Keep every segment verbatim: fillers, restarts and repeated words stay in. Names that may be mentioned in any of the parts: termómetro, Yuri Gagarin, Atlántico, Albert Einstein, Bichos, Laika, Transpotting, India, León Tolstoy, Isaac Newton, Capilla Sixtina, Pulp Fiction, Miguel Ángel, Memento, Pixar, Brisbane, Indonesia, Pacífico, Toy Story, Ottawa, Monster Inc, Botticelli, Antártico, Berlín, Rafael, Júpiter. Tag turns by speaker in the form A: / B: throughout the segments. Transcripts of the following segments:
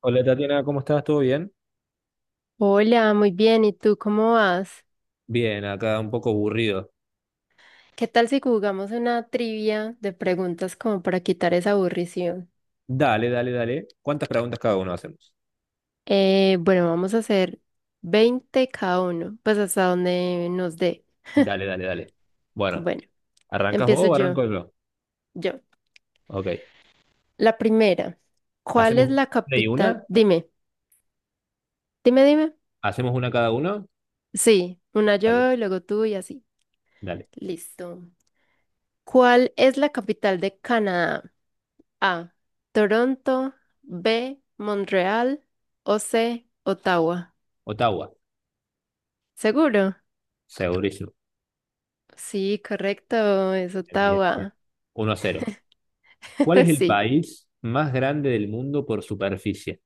A: Hola Tatiana, ¿cómo estás? ¿Todo bien?
B: Hola, muy bien. ¿Y tú cómo vas?
A: Bien, acá un poco aburrido.
B: ¿Qué tal si jugamos una trivia de preguntas como para quitar esa aburrición?
A: Dale, dale, dale. ¿Cuántas preguntas cada uno hacemos?
B: Eh, bueno, vamos a hacer veinte cada uno, pues hasta donde nos dé.
A: Dale, dale, dale. Bueno,
B: Bueno,
A: ¿arrancas vos
B: empiezo
A: o
B: yo.
A: arranco yo?
B: Yo.
A: Ok.
B: La primera. ¿Cuál es
A: ¿Hacemos
B: la
A: una y una?
B: capital? Dime, dime, dime.
A: ¿Hacemos una cada uno?
B: Sí, una
A: Dale,
B: yo y luego tú y así.
A: dale.
B: Listo. ¿Cuál es la capital de Canadá? A. Toronto. B. Montreal. O C. Ottawa.
A: Ottawa,
B: ¿Seguro?
A: segurísimo.
B: Sí, correcto. Es
A: Bien, bien, bien.
B: Ottawa.
A: uno a cero a cero. ¿Cuál es el
B: Sí.
A: país más grande del mundo por superficie?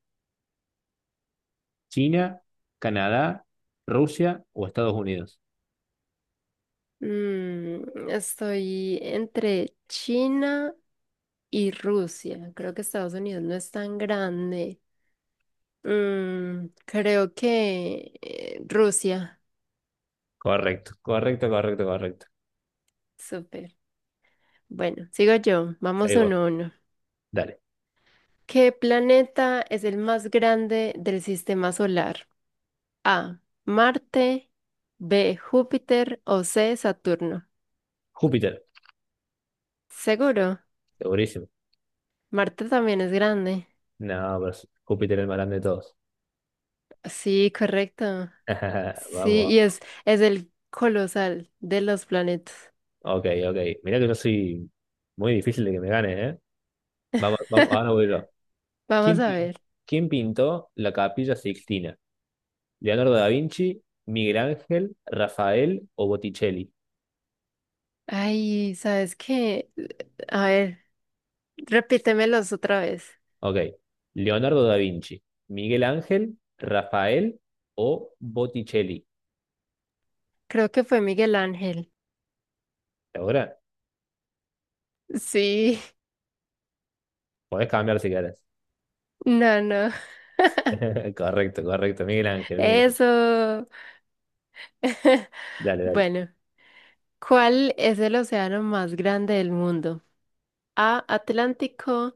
A: ¿China, Canadá, Rusia o Estados Unidos?
B: Mm, estoy entre China y Rusia. Creo que Estados Unidos no es tan grande. Mm, creo que eh, Rusia.
A: Correcto, correcto, correcto, correcto.
B: Súper. Bueno, sigo yo. Vamos
A: Seguís
B: uno
A: vos.
B: a uno.
A: Dale.
B: ¿Qué planeta es el más grande del sistema solar? A. Marte. B. Júpiter. O C. Saturno.
A: Júpiter,
B: Seguro.
A: segurísimo.
B: Marte también es grande.
A: No, pero es- Júpiter es el más grande de todos.
B: Sí, correcto. Sí,
A: Vamos,
B: y es, es el colosal de los planetas.
A: ok, ok. Mirá que yo soy muy difícil de que me gane, ¿eh? Vamos, vamos, ahora voy yo.
B: Vamos
A: ¿Quién,
B: a
A: pin-
B: ver.
A: quién pintó la Capilla Sixtina? ¿Leonardo da Vinci, Miguel Ángel, Rafael o Botticelli?
B: Ay, ¿sabes qué? A ver, repítemelos otra vez.
A: Ok. Leonardo da Vinci, Miguel Ángel, Rafael o Botticelli.
B: Creo que fue Miguel Ángel.
A: ¿Ahora?
B: Sí,
A: Podés cambiar si querés.
B: no, no.
A: Correcto, correcto. Miguel Ángel, Miguel Ángel.
B: Eso.
A: Dale, dale.
B: Bueno, ¿cuál es el océano más grande del mundo? A, Atlántico,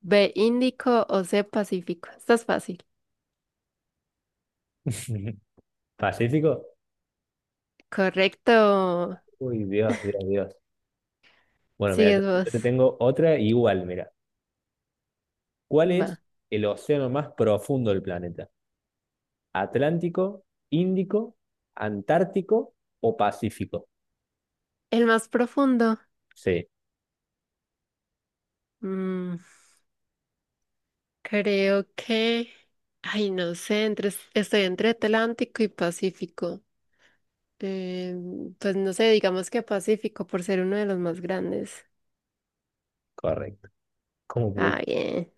B: B, Índico o C, Pacífico. Estás fácil.
A: ¿Pacífico?
B: Correcto.
A: Uy, Dios, Dios, Dios. Bueno, mira,
B: Sigues
A: yo
B: vos.
A: te tengo otra igual, mira. ¿Cuál
B: Va.
A: es el océano más profundo del planeta? ¿Atlántico, Índico, Antártico o Pacífico?
B: El más profundo.
A: Sí,
B: Mm, creo que... Ay, no sé, entre... estoy entre Atlántico y Pacífico. Eh, pues no sé, digamos que Pacífico por ser uno de los más grandes.
A: correcto. ¿Cómo
B: Ah,
A: voy?
B: bien.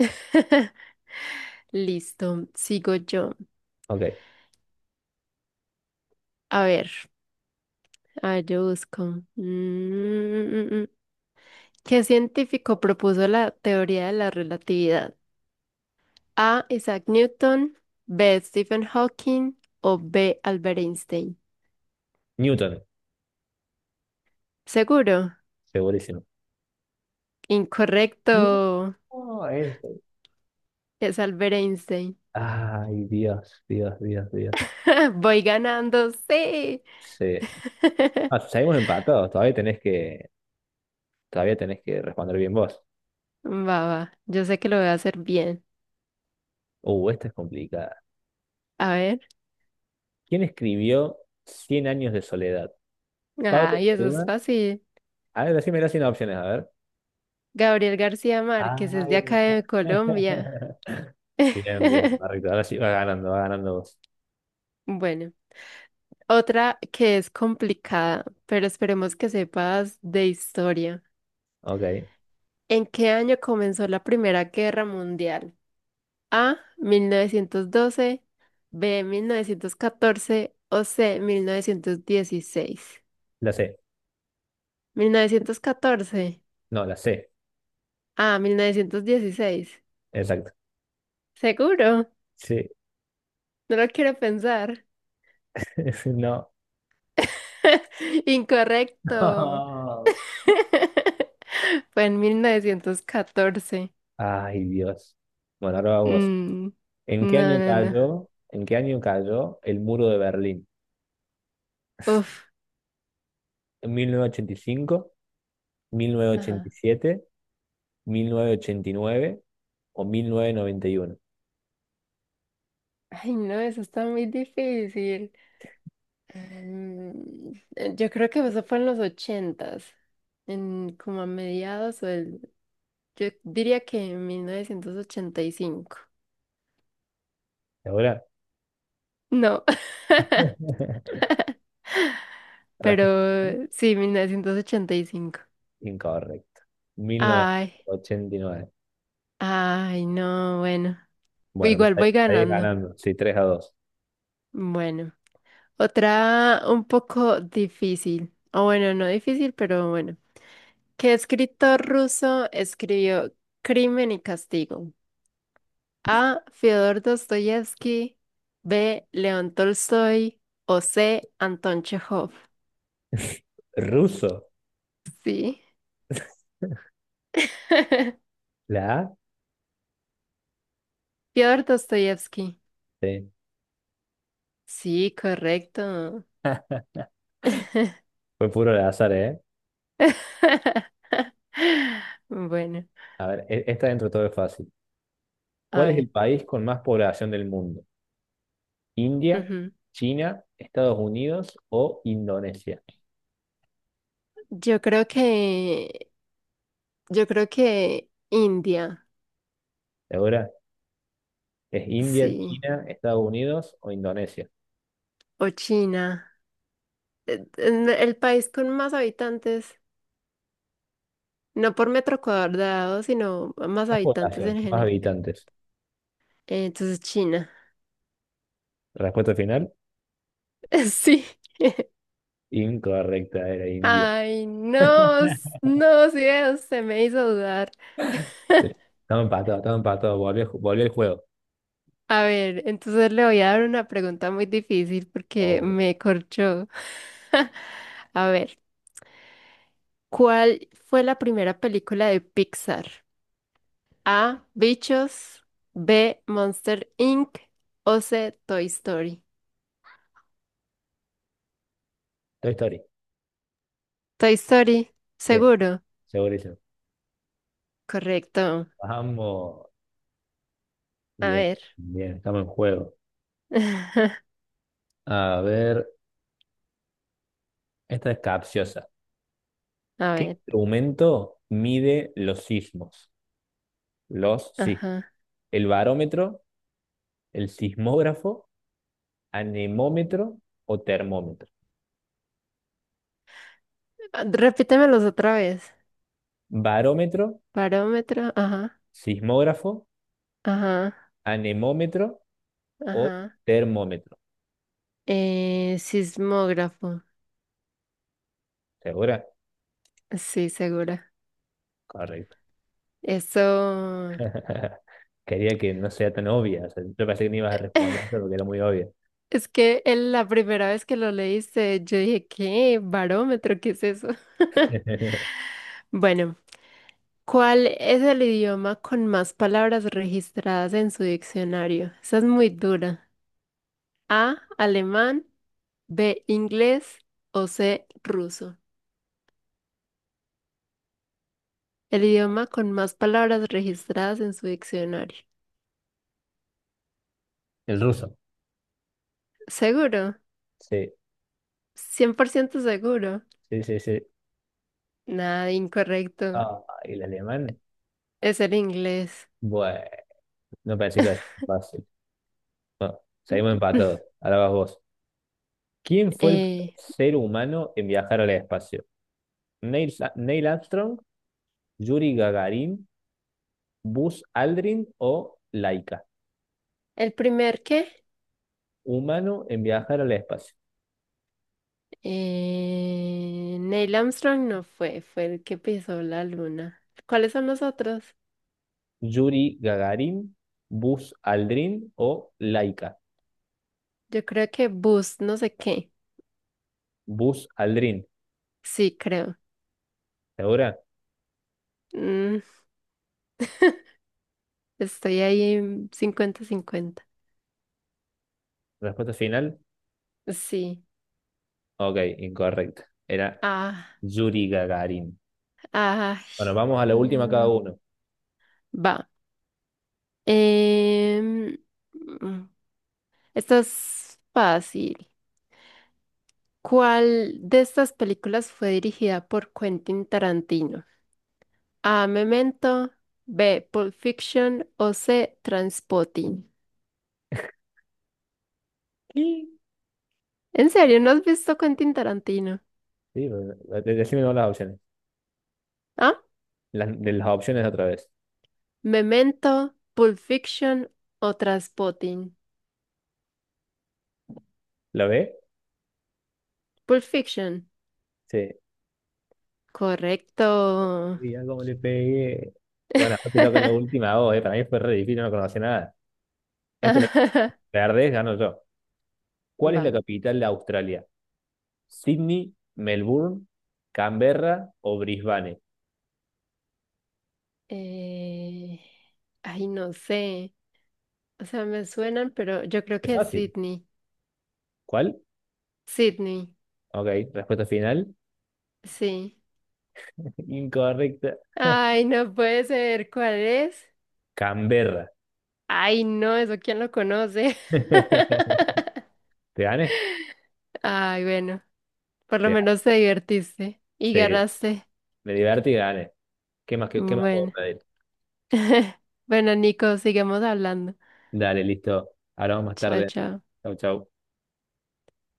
B: Listo, sigo yo.
A: Ok.
B: A ver, a ver, yo busco. Mm, mm, mm, mm, mm. ¿Qué científico propuso la teoría de la relatividad? A. Isaac Newton, B. Stephen Hawking o B. Albert Einstein.
A: Newton,
B: Seguro.
A: segurísimo.
B: Incorrecto.
A: No, eso.
B: Es Albert Einstein.
A: Ay, Dios, Dios, Dios, Dios.
B: Voy ganando, sí.
A: Sí. Ah, seguimos empatados. Todavía tenés que, todavía tenés que responder bien vos.
B: Va, va. Yo sé que lo voy a hacer bien.
A: Uh, esta es complicada.
B: A ver.
A: ¿Quién escribió Cien años de soledad? Pablo
B: Ay, eso es
A: Neruda.
B: fácil.
A: A ver, decímela sin opciones, a ver.
B: Gabriel García Márquez es de
A: Ay,
B: acá
A: mira.
B: de Colombia.
A: Bien, bien, correcto. Ahora sí, va ganando, va ganando vos.
B: Bueno. Otra que es complicada, pero esperemos que sepas de historia.
A: Ok,
B: ¿En qué año comenzó la Primera Guerra Mundial? A, mil novecientos doce, B, mil novecientos catorce o C, mil novecientos dieciséis.
A: la C.
B: mil novecientos catorce.
A: No, la C.
B: A, mil novecientos dieciséis.
A: Exacto.
B: ¿Seguro?
A: Sí,
B: No lo quiero pensar.
A: no.
B: Incorrecto.
A: No.
B: Fue en mil novecientos catorce.
A: Ay, Dios. Bueno, ahora va vos.
B: Mm,
A: ¿En qué
B: no,
A: año
B: no, no.
A: cayó, en qué año cayó el muro de Berlín?
B: Uf.
A: ¿En mil novecientos ochenta y cinco,
B: Ajá.
A: mil novecientos ochenta y siete, mil novecientos ochenta y nueve o mil novecientos noventa y uno?
B: Ay, no, eso está muy difícil. Mm, eh, yo creo que eso fue en los ochentas, en como a mediados o el, yo diría que en mil novecientos ochenta y cinco.
A: ¿Segura?
B: No, pero
A: Respuesta
B: sí, mil novecientos ochenta y cinco.
A: incorrecta.
B: Ay,
A: mil novecientos ochenta y nueve.
B: ay, no, bueno.
A: Bueno, pues
B: Igual
A: ahí,
B: voy
A: ahí
B: ganando.
A: ganando. Sí, tres a dos.
B: Bueno, otra un poco difícil. O bueno, no difícil, pero bueno. ¿Qué escritor ruso escribió Crimen y Castigo? A. Fyodor Dostoyevsky, B. León Tolstoy o C. Anton Chekhov.
A: Ruso.
B: Sí.
A: La A.
B: Fyodor Dostoyevsky.
A: Sí.
B: Sí, correcto.
A: Fue puro al azar, ¿eh?
B: Bueno,
A: A ver, e- esta dentro de todo es fácil.
B: a
A: ¿Cuál es el
B: ver.
A: país con más población del mundo? ¿India,
B: Ujú.
A: China, Estados Unidos o Indonesia?
B: Yo creo que, yo creo que India,
A: ¿Segura? ¿Es India,
B: sí,
A: China, Estados Unidos o Indonesia?
B: o China. Eh, eh, El país con más habitantes. No por metro cuadrado, sino más
A: Más
B: habitantes
A: población,
B: en
A: más
B: general.
A: habitantes.
B: Eh, Entonces, China.
A: Respuesta final,
B: Sí.
A: incorrecta, era India.
B: Ay, no, s- no, sí, se me hizo dudar.
A: Estaba empatado, estaba empatado. Volvió, volvió el juego.
B: A ver, entonces le voy a dar una pregunta muy difícil porque
A: Oh,
B: me corchó. A ver, ¿cuál fue la primera película de Pixar? A. Bichos. B. Monster inc O C. Toy Story.
A: Toy Story.
B: Toy Story,
A: Sí,
B: seguro.
A: segurísimo.
B: Correcto.
A: Vamos.
B: A
A: Bien,
B: ver.
A: bien, estamos en juego. A ver, esta es capciosa.
B: A
A: ¿Qué
B: ver,
A: instrumento mide los sismos? Los sismos.
B: ajá.
A: ¿El barómetro, el sismógrafo, anemómetro o termómetro?
B: Ah, repítemelos otra vez.
A: Barómetro,
B: Barómetro, ajá,
A: sismógrafo,
B: ajá,
A: anemómetro o
B: ajá.
A: termómetro.
B: Eh, sismógrafo,
A: ¿Segura?
B: sí, segura.
A: Correcto.
B: Eso.
A: Quería que no sea tan obvia. O sea, yo pensé que no ibas a responder eso porque era muy obvia.
B: Es que el- la primera vez que lo leíste, yo dije, ¿qué? ¿Barómetro? ¿Qué es eso? Bueno, ¿cuál es el idioma con más palabras registradas en su diccionario? Esa es muy dura. A, alemán, B, inglés o C, ruso. El idioma con más palabras registradas en su diccionario.
A: El ruso.
B: ¿Seguro?
A: Sí,
B: ¿Cien por ciento seguro?
A: sí, sí, sí.
B: Nada, incorrecto.
A: Ah, ¿y el alemán?
B: Es el inglés.
A: Bueno. No parece que es fácil. Bueno, seguimos empatados. Ahora vas vos. ¿Quién fue el
B: Eh,
A: ser humano en viajar al espacio? ¿Neil, Sa- Neil Armstrong, Yuri Gagarin, Buzz Aldrin o Laika?
B: ¿El primer qué?
A: Humano en viajar al espacio.
B: Eh, Neil Armstrong no fue, fue el que pisó la luna. ¿Cuáles son los otros?
A: Yuri Gagarin, Buzz Aldrin o Laika.
B: Yo creo que Buzz, no sé qué.
A: Buzz Aldrin.
B: Sí, creo.
A: ¿Segura?
B: Mm, Estoy ahí en cincuenta 50.
A: Respuesta final.
B: Sí.
A: Ok, incorrecta. Era
B: Ah,
A: Yuri Gagarin.
B: ah,
A: Bueno, vamos a la última cada
B: mm,
A: uno.
B: va. Em, mm, Esta es fácil. ¿Cuál de estas películas fue dirigida por Quentin Tarantino? A. Memento, B. Pulp Fiction o C. Transpotting.
A: ¿Qué?
B: ¿En serio no has visto Quentin Tarantino?
A: Sí, pero eh, decime todas las opciones.
B: ¿Ah?
A: Las, de las opciones otra vez.
B: Memento, Pulp Fiction o Transpotting.
A: ¿Lo ve?
B: Pulp Fiction.
A: Sí.
B: Correcto.
A: Mira cómo le pegué. Bueno, ahora te toca la última a vos, eh. Para mí fue re difícil, no conocía nada. Esta la perdés, gano yo. ¿Cuál es la
B: Va.
A: capital de Australia? ¿Sydney, Melbourne, Canberra o Brisbane?
B: Eh, Ay, no sé. O sea, me suenan, pero yo creo
A: Es
B: que es
A: fácil.
B: Sydney.
A: ¿Cuál?
B: Sydney,
A: Ok, respuesta final.
B: sí.
A: Incorrecta.
B: Ay, no puede ser. ¿Cuál es?
A: Canberra.
B: Ay, no, eso quién lo conoce.
A: ¿Te gané?
B: Ay, bueno, por lo
A: Te gané.
B: menos te divertiste y
A: Sí,
B: ganaste.
A: me divertí y gané. ¿Qué más, qué, qué más puedo
B: Bueno.
A: pedir?
B: Bueno, Nico, sigamos hablando.
A: Dale, listo. Hablamos más
B: Chao,
A: tarde.
B: chao.
A: Chau, chau.